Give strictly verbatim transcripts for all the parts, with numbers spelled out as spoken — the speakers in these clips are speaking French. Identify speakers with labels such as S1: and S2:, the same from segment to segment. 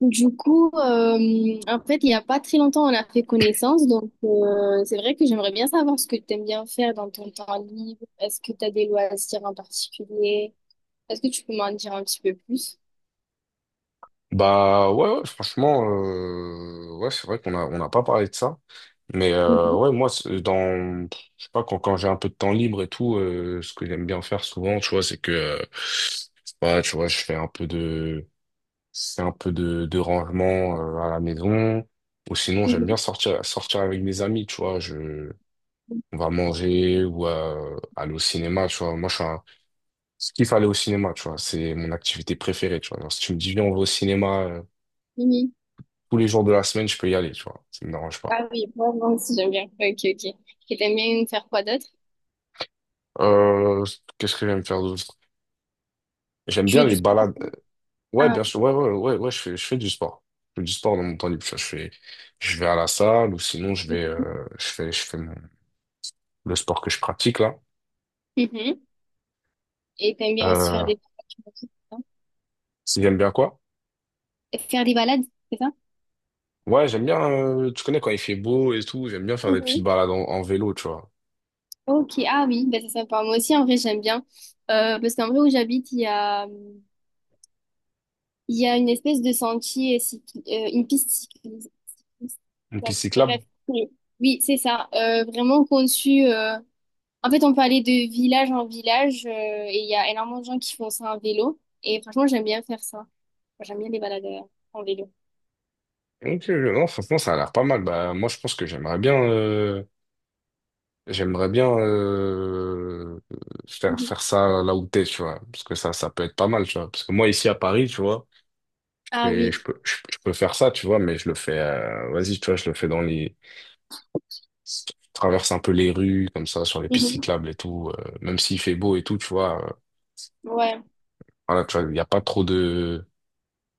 S1: Du coup, euh, en fait, il n'y a pas très longtemps, on a fait connaissance. Donc, euh, c'est vrai que j'aimerais bien savoir ce que tu aimes bien faire dans ton temps libre. Est-ce que tu as des loisirs en particulier? Est-ce que tu peux m'en dire un petit peu plus?
S2: Bah ouais, ouais, franchement, euh, ouais, c'est vrai qu'on a on n'a pas parlé de ça. Mais euh,
S1: Mhm,
S2: ouais, moi, c'est- dans, je sais pas, quand, quand j'ai un peu de temps libre et tout, euh, ce que j'aime bien faire souvent, tu vois, c'est que, euh, je sais pas, tu vois, je fais un peu de, c'est un peu de, de rangement euh, à la maison. Ou sinon, j'aime
S1: mhm,
S2: bien sortir, sortir avec mes amis, tu vois. Je, on va manger ou euh, aller au cinéma, tu vois. Moi, je suis un, je kiffe aller au cinéma, tu vois. C'est mon activité préférée, tu vois. Alors, si tu me dis, viens, on va au cinéma
S1: mhm.
S2: tous les jours de la semaine, je peux y aller, tu vois. Ça me dérange pas.
S1: Ah oui, vraiment, si j'aime bien. Ok, ok. Et t'aimes bien faire quoi d'autre?
S2: Euh, qu'est-ce que j'aime faire d'autre? J'aime
S1: Tu
S2: bien
S1: fais du
S2: les
S1: sport?
S2: balades. Ouais,
S1: Ah,
S2: bien sûr. Ouais, ouais, ouais, ouais, je fais, je fais du sport. Je fais du sport dans mon temps libre. Tu vois. Je fais, je vais à la salle ou sinon je vais, euh, je fais, je fais mon- le sport que je pratique là.
S1: ok. Mhm. Et t'aimes bien aussi faire
S2: Euh,
S1: des balades, tu m'as dit, c'est ça?
S2: si j'aime bien quoi?
S1: Et faire des balades, c'est ça?
S2: Ouais, j'aime bien, euh, tu connais quand il fait beau et tout, j'aime bien faire des petites
S1: Mhm.
S2: balades en, en vélo, tu vois.
S1: Ok, ah oui, ben c'est sympa. Moi aussi, en vrai, j'aime bien. Euh, parce qu'en vrai, où j'habite, il y a... Il y a une espèce de sentier, cycl- euh, une piste cycliste.
S2: Une piste cyclable.
S1: Bref, oui, oui, c'est ça. Euh, vraiment conçu. euh, En fait, on peut aller de village en village, euh, et il y a énormément de gens qui font ça en vélo. Et franchement, j'aime bien faire ça. Enfin, j'aime bien les balades euh, en vélo.
S2: Ok. Non, franchement, ça a l'air pas mal. Bah, moi, je pense que j'aimerais bien. euh, J'aimerais bien euh, faire
S1: Mhm.
S2: faire ça là où t'es, tu vois, parce que ça ça peut être pas mal, tu vois. Parce que moi ici à Paris, tu vois, je
S1: Ah
S2: fais-
S1: oui.
S2: je peux je, je peux faire ça, tu vois, mais je le fais, euh, vas-y, tu vois, je le fais dans les, je traverse un peu les rues comme ça sur les pistes
S1: Mhm.
S2: cyclables et tout, euh, même s'il fait beau et tout, tu vois. Euh,
S1: Ouais.
S2: voilà, tu vois, il y a pas trop de,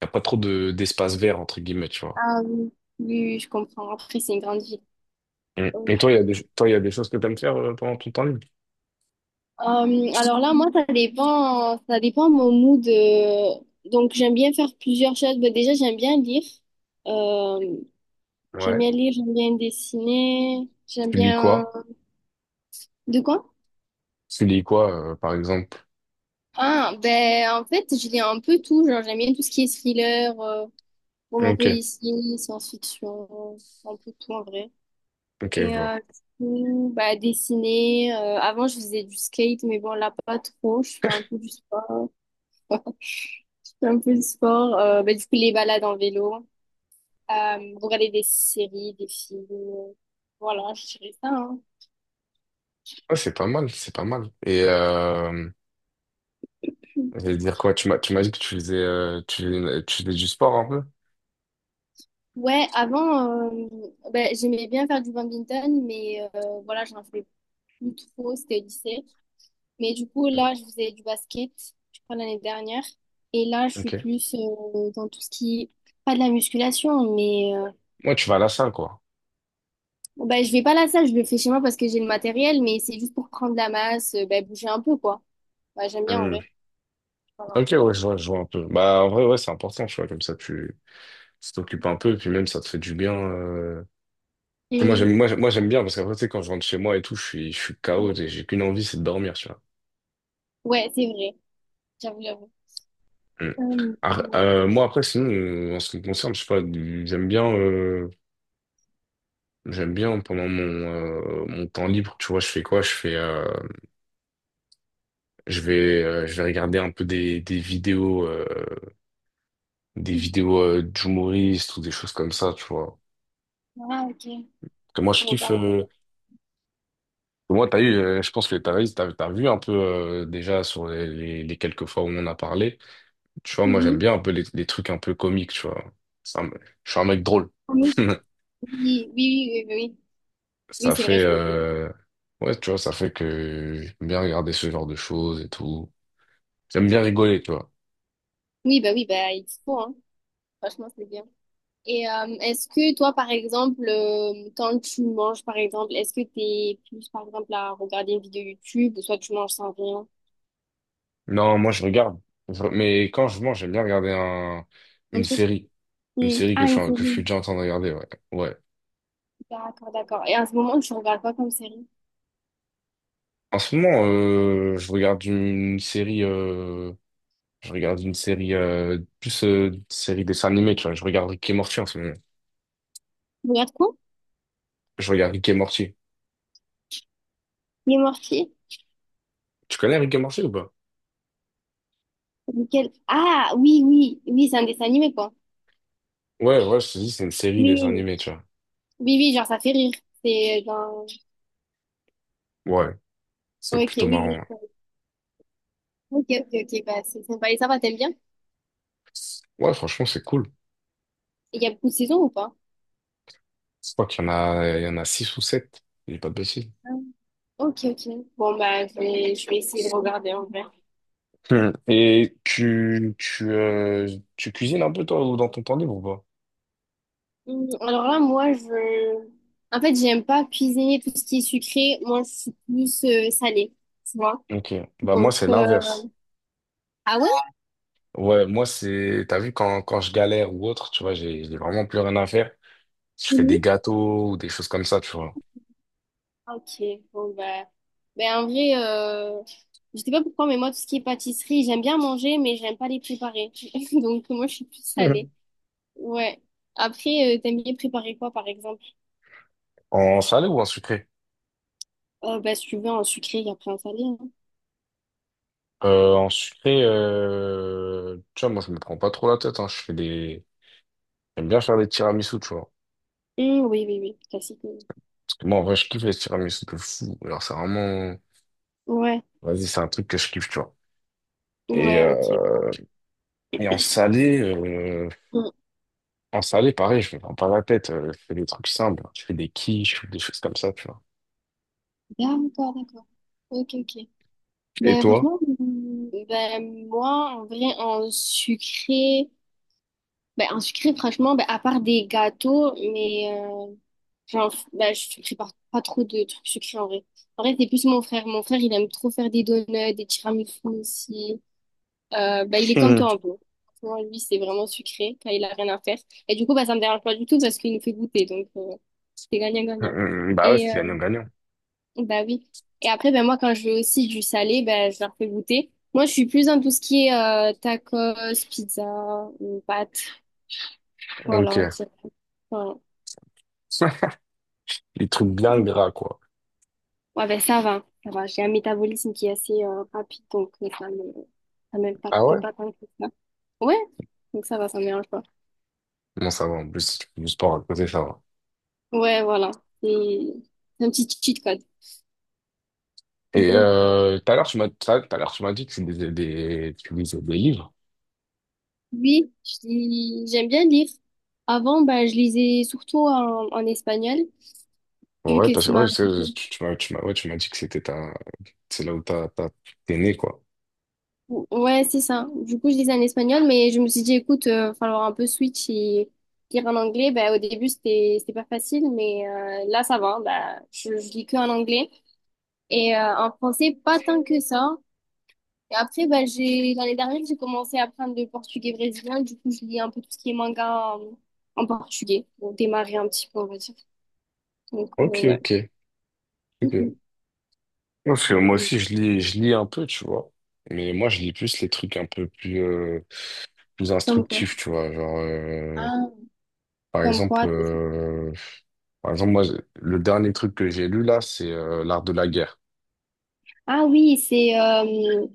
S2: il y a pas trop de d'espace vert entre guillemets, tu vois.
S1: Ah oui. Oui, oui, je comprends. Après, c'est une grande ville.
S2: Mm. Et toi, il y a des, toi, il y a des choses que t'aimes faire euh, pendant ton temps libre.
S1: Euh, alors là, moi, ça dépend, ça dépend mon mood. Euh, donc, j'aime bien faire plusieurs choses. Bah, déjà, j'aime bien lire. Euh, j'aime
S2: Ouais.
S1: bien lire, j'aime bien dessiner. J'aime
S2: Tu lis
S1: bien...
S2: quoi?
S1: De quoi?
S2: Tu lis quoi, euh, par exemple?
S1: Ah, ben, en fait, je lis un peu tout. Genre, j'aime bien tout ce qui est thriller, euh, roman
S2: Ok,
S1: policier, science-fiction, un peu tout en vrai.
S2: ok, je
S1: Et
S2: vois.
S1: euh, du coup, bah, dessiner. Euh, avant, je faisais du skate, mais bon, là, pas trop. Je fais un peu du sport. Un peu de sport. Euh, bah, du coup, les balades en vélo. Euh, regarder des séries, des films. Voilà, je dirais ça, hein.
S2: Ouais, c'est pas mal, c'est pas mal. Et euh, j'allais dire quoi? Tu m'as, tu m'as dit que tu faisais, euh, tu faisais, tu faisais du sport un peu?
S1: Ouais, avant, euh, bah, j'aimais bien faire du badminton, mais euh, voilà, j'en fais plus trop, c'était au lycée. Mais du coup, là, je faisais du basket, je crois, l'année dernière. Et là, je suis
S2: Ok.
S1: plus euh, dans tout ce qui est, pas de la musculation, mais euh,
S2: Moi, tu vas à la salle, quoi.
S1: bah, je vais pas à la salle, je le fais chez moi parce que j'ai le matériel, mais c'est juste pour prendre la masse, euh, bah, bouger un peu, quoi. Bah, j'aime bien en
S2: Hmm.
S1: vrai. Voilà.
S2: Ok, ouais, je vois, je vois un peu. Bah, en vrai, ouais, c'est important, tu vois, comme ça, tu tu t'occupes un peu, puis même, ça te fait du bien. Euh. Moi,
S1: Et-
S2: j'aime, moi, j'aime moi, j'aime bien, parce qu'après, tu sais, quand je rentre chez moi et tout, je suis, je suis K O, et j'ai j'ai qu'une envie, c'est de dormir, tu vois.
S1: ouais, c'est vrai. J'avoue, j'avoue.
S2: Hmm.
S1: Euh,
S2: Ah,
S1: ouais.
S2: euh, moi, après, sinon, euh, en ce qui me concerne, je sais pas, j'aime bien, euh, j'aime bien pendant mon, euh, mon temps libre, tu vois, je fais quoi? Je fais, euh, Je vais, euh, je vais regarder un peu des, des vidéos, euh, des vidéos euh, d'humoristes ou des choses comme ça, tu vois.
S1: Ah, ok.
S2: Parce que moi,
S1: Je
S2: je kiffe.
S1: regarde.
S2: euh, moi, t'as eu, euh, je pense que t'as, t'as, t'as vu un peu euh, déjà sur les, les, les quelques fois où on en a parlé. Tu vois, moi, j'aime
S1: Mhm.
S2: bien un peu les, les trucs un peu comiques, tu vois. Ça me- je suis un mec drôle.
S1: Oui, oui, oui, oui, oui. Oui, oui,
S2: Ça
S1: c'est
S2: fait,
S1: vrai, je me dis.
S2: euh, ouais, tu vois, ça fait que j'aime bien regarder ce genre de choses et tout. J'aime bien rigoler, tu vois.
S1: Oui, bah oui, bah il faut, hein. Franchement, c'est bien. Et euh, est-ce que toi, par exemple, euh, quand tu manges, par exemple, est-ce que t'es plus, par exemple, à regarder une vidéo YouTube ou soit tu manges sans rien?
S2: Non, moi, je regarde. Je- Mais quand je mange, j'aime bien regarder un,
S1: Un
S2: une
S1: truc.
S2: série. Une
S1: Hmm.
S2: série que
S1: Ah,
S2: je,
S1: une
S2: suis en- que je suis
S1: série.
S2: déjà en train de regarder, ouais. Ouais.
S1: D'accord, d'accord. Et à ce moment, tu regardes quoi comme série?
S2: En ce moment, euh, je regarde une série, euh, je regarde une série, euh, plus euh, une série dessin animé, tu vois. Je regarde Rick et Morty en ce moment.
S1: Tu regardes quoi?
S2: Je regarde Rick et Morty.
S1: Les Mortiers?
S2: Tu connais Rick et Morty ou pas?
S1: Lequel? Ah, oui, oui, oui, c'est un dessin animé, quoi.
S2: Ouais, ouais, je te dis, c'est une série dessin
S1: Oui,
S2: animé, tu vois.
S1: oui, oui, genre ça fait rire. C'est genre...
S2: Ouais, c'est
S1: Ok,
S2: plutôt
S1: oui,
S2: marrant.
S1: oui,
S2: Ouais,
S1: je comprends. Ok, ok, ok, bah c'est sympa. Et ça va, t'aimes bien?
S2: ouais, franchement, c'est cool.
S1: Et il y a beaucoup de saisons ou pas?
S2: Je crois qu'il y en a, il y en a six ou sept. Je dis pas de bêtises.
S1: Ah. Ok, ok. Bon, bah je vais, je vais essayer de regarder en vrai.
S2: Hmm. Et tu, tu, euh, tu cuisines un peu, toi, ou dans ton temps libre ou pas?
S1: Hum, Alors là, moi, je... En fait, j'aime pas cuisiner tout ce qui est sucré. Moi, je suis plus euh, salée, tu vois.
S2: Ok. Bah, moi,
S1: Donc,
S2: c'est
S1: euh,
S2: l'inverse.
S1: ah ouais?
S2: Ouais, moi, c'est, t'as vu, quand, quand je galère ou autre, tu vois, j'ai j'ai vraiment plus rien à faire. Je fais des
S1: Mhm.
S2: gâteaux ou des choses comme ça, tu vois.
S1: Ok, bon bah, ben en vrai, euh, je sais pas pourquoi, mais moi tout ce qui est pâtisserie, j'aime bien manger, mais j'aime pas les préparer. Donc moi je suis plus
S2: Mhm.
S1: salée. Ouais. Après, euh, t'aimes bien préparer quoi, par exemple?
S2: En salé ou en sucré?
S1: Euh, bah, suivant un sucré et après un salé, hein.
S2: Euh, en sucré, euh, tu vois, moi, je me prends pas trop la tête, hein. Je fais des, j'aime bien faire des tiramisu, tu vois.
S1: Hum, oui, oui, oui. Classique. Oui.
S2: Parce que moi, en vrai, je kiffe les tiramisu de fou. Alors, c'est vraiment,
S1: Ouais.
S2: vas-y, c'est un truc que je kiffe, tu vois. Et,
S1: Ouais, ok,
S2: euh,
S1: bon.
S2: et en salé, euh,
S1: Hum.
S2: en salé, pareil, je me prends pas la tête. Euh, je fais des trucs simples. Hein. Je fais des quiches ou des choses comme ça, tu vois.
S1: D'accord, d'accord. Ok, ok.
S2: Et
S1: Ben,
S2: toi?
S1: franchement, hum, ben, moi, en vrai, en sucré, ben, en sucré, franchement, ben, à part des gâteaux, mais, euh, genre, ben, je prépare pas trop de trucs sucrés, en vrai. En vrai, c'est plus mon frère. Mon frère, il aime trop faire des donuts, des tiramisu aussi. Euh, bah, il est comme toi un peu. Franchement, lui, c'est vraiment sucré quand il a rien à faire. Et du coup, bah, ça me dérange pas du tout parce qu'il nous fait goûter. Donc, euh, c'est gagnant-gagnant.
S2: Mm, bah ouais,
S1: Et
S2: c'est
S1: euh,
S2: gagnant-gagnant.
S1: bah oui. Et après, ben moi, quand je veux aussi du salé, ben je leur fais goûter. Moi, je suis plus dans tout ce qui est euh, tacos, pizza, ou pâtes. Voilà.
S2: Ok.
S1: C'est- voilà.
S2: Les trucs bien gras, quoi.
S1: Ouais, ben ça va. Ça va. J'ai un métabolisme qui est assez euh, rapide, donc euh, ça me, ça
S2: Ah
S1: m'impacte
S2: ouais?
S1: pas tant que ça. Ouais. Donc, ça va, ça me dérange pas.
S2: Bon, ça va, en plus, si tu fais du sport à côté, ça va.
S1: Ouais, voilà. C'est c'est un petit cheat, quoi.
S2: Et
S1: Donc,
S2: euh, tout à l'heure, tu m'as tout à tout à l'heure, tu m'as dit que tu lisais des, tu lisais des livres.
S1: oui, je lis- j'aime bien lire. Avant, ben, je lisais surtout en, en espagnol, vu
S2: Ouais,
S1: que
S2: parce
S1: c'est
S2: que
S1: ma...
S2: ouais, c'est- tu, tu m'as tu m'as- ouais, tu m'as dit que c'était ta, c'est là où t'as, t'as- t'es né, quoi.
S1: Ouais, c'est ça. Du coup, je lisais en espagnol, mais je me suis dit, écoute, euh, falloir un peu switch et lire en anglais. Ben, au début, c'était, c'était pas facile, mais euh, là, ça va. Ben, je, je lis que en anglais. Et euh, en français, pas tant que ça. Et après, ben, j'ai, l'année dernière, j'ai commencé à apprendre le portugais brésilien. Du coup, je lis un peu tout ce qui est manga en, en portugais pour démarrer un petit peu, on va dire. Donc, euh,
S2: Ok,
S1: ouais.
S2: ok, ok.
S1: Mhm.
S2: Parce que
S1: Oui,
S2: moi aussi,
S1: oui,
S2: je lis, je lis un peu, tu vois. Mais moi, je lis plus les trucs un peu plus, euh, plus
S1: comme quoi?
S2: instructifs, tu vois. Genre, euh,
S1: Ah,
S2: par
S1: comme
S2: exemple,
S1: quoi?
S2: euh, Par exemple, moi, le dernier truc que j'ai lu là, c'est euh, L'Art de la guerre.
S1: Ah oui, c'est euh,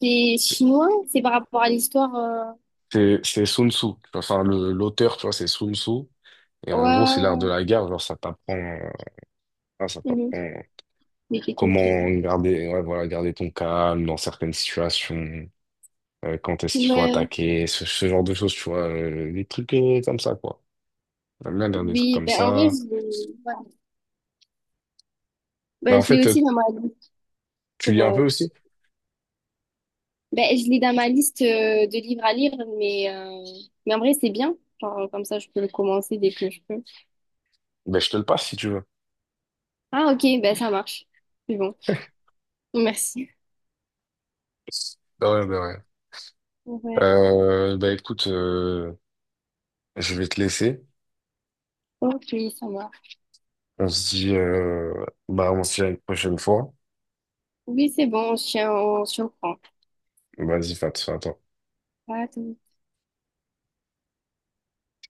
S1: c'est chinois, c'est par rapport à l'histoire. Euh,
S2: C'est c'est Sun Tzu. Tu vois, enfin, le- l'auteur, tu vois, c'est Sun Tzu. Et en gros,
S1: Ouais,
S2: c'est l'art de
S1: ouais,
S2: la guerre. Genre, ça t'apprend, euh, ah, ça
S1: ouais. Mhm.
S2: t'apprend
S1: Des techniques, euh.
S2: comment garder, ouais, voilà, garder ton calme dans certaines situations. Euh, quand est-ce qu'il faut
S1: Mais
S2: attaquer, ce, ce genre de choses, tu vois, euh, des trucs euh, comme ça, quoi. J'aime bien lire des trucs
S1: oui,
S2: comme
S1: ben en vrai,
S2: ça.
S1: je l'ai ouais.
S2: Mais
S1: Ben,
S2: en
S1: je l'ai
S2: fait, euh,
S1: aussi dans ma liste.
S2: tu lis
S1: Pour,
S2: un
S1: euh,
S2: peu aussi?
S1: ben, je l'ai dans ma liste euh, de livres à lire, mais, euh, mais en vrai, c'est bien. Genre, euh, comme ça, je peux le commencer dès que je peux.
S2: Ben, je te le passe si tu veux.
S1: Ah, ok, ben ça marche. C'est bon. Merci.
S2: De rien, de rien.
S1: Ouais,
S2: Euh, ben, écoute, euh, je vais te laisser.
S1: ok, ça marche.
S2: On se dit, euh, bah, on se dit à une prochaine fois.
S1: Oui, c'est bon, on se tient- on se reprend.
S2: Vas-y, fais att- fais attention.
S1: À tous.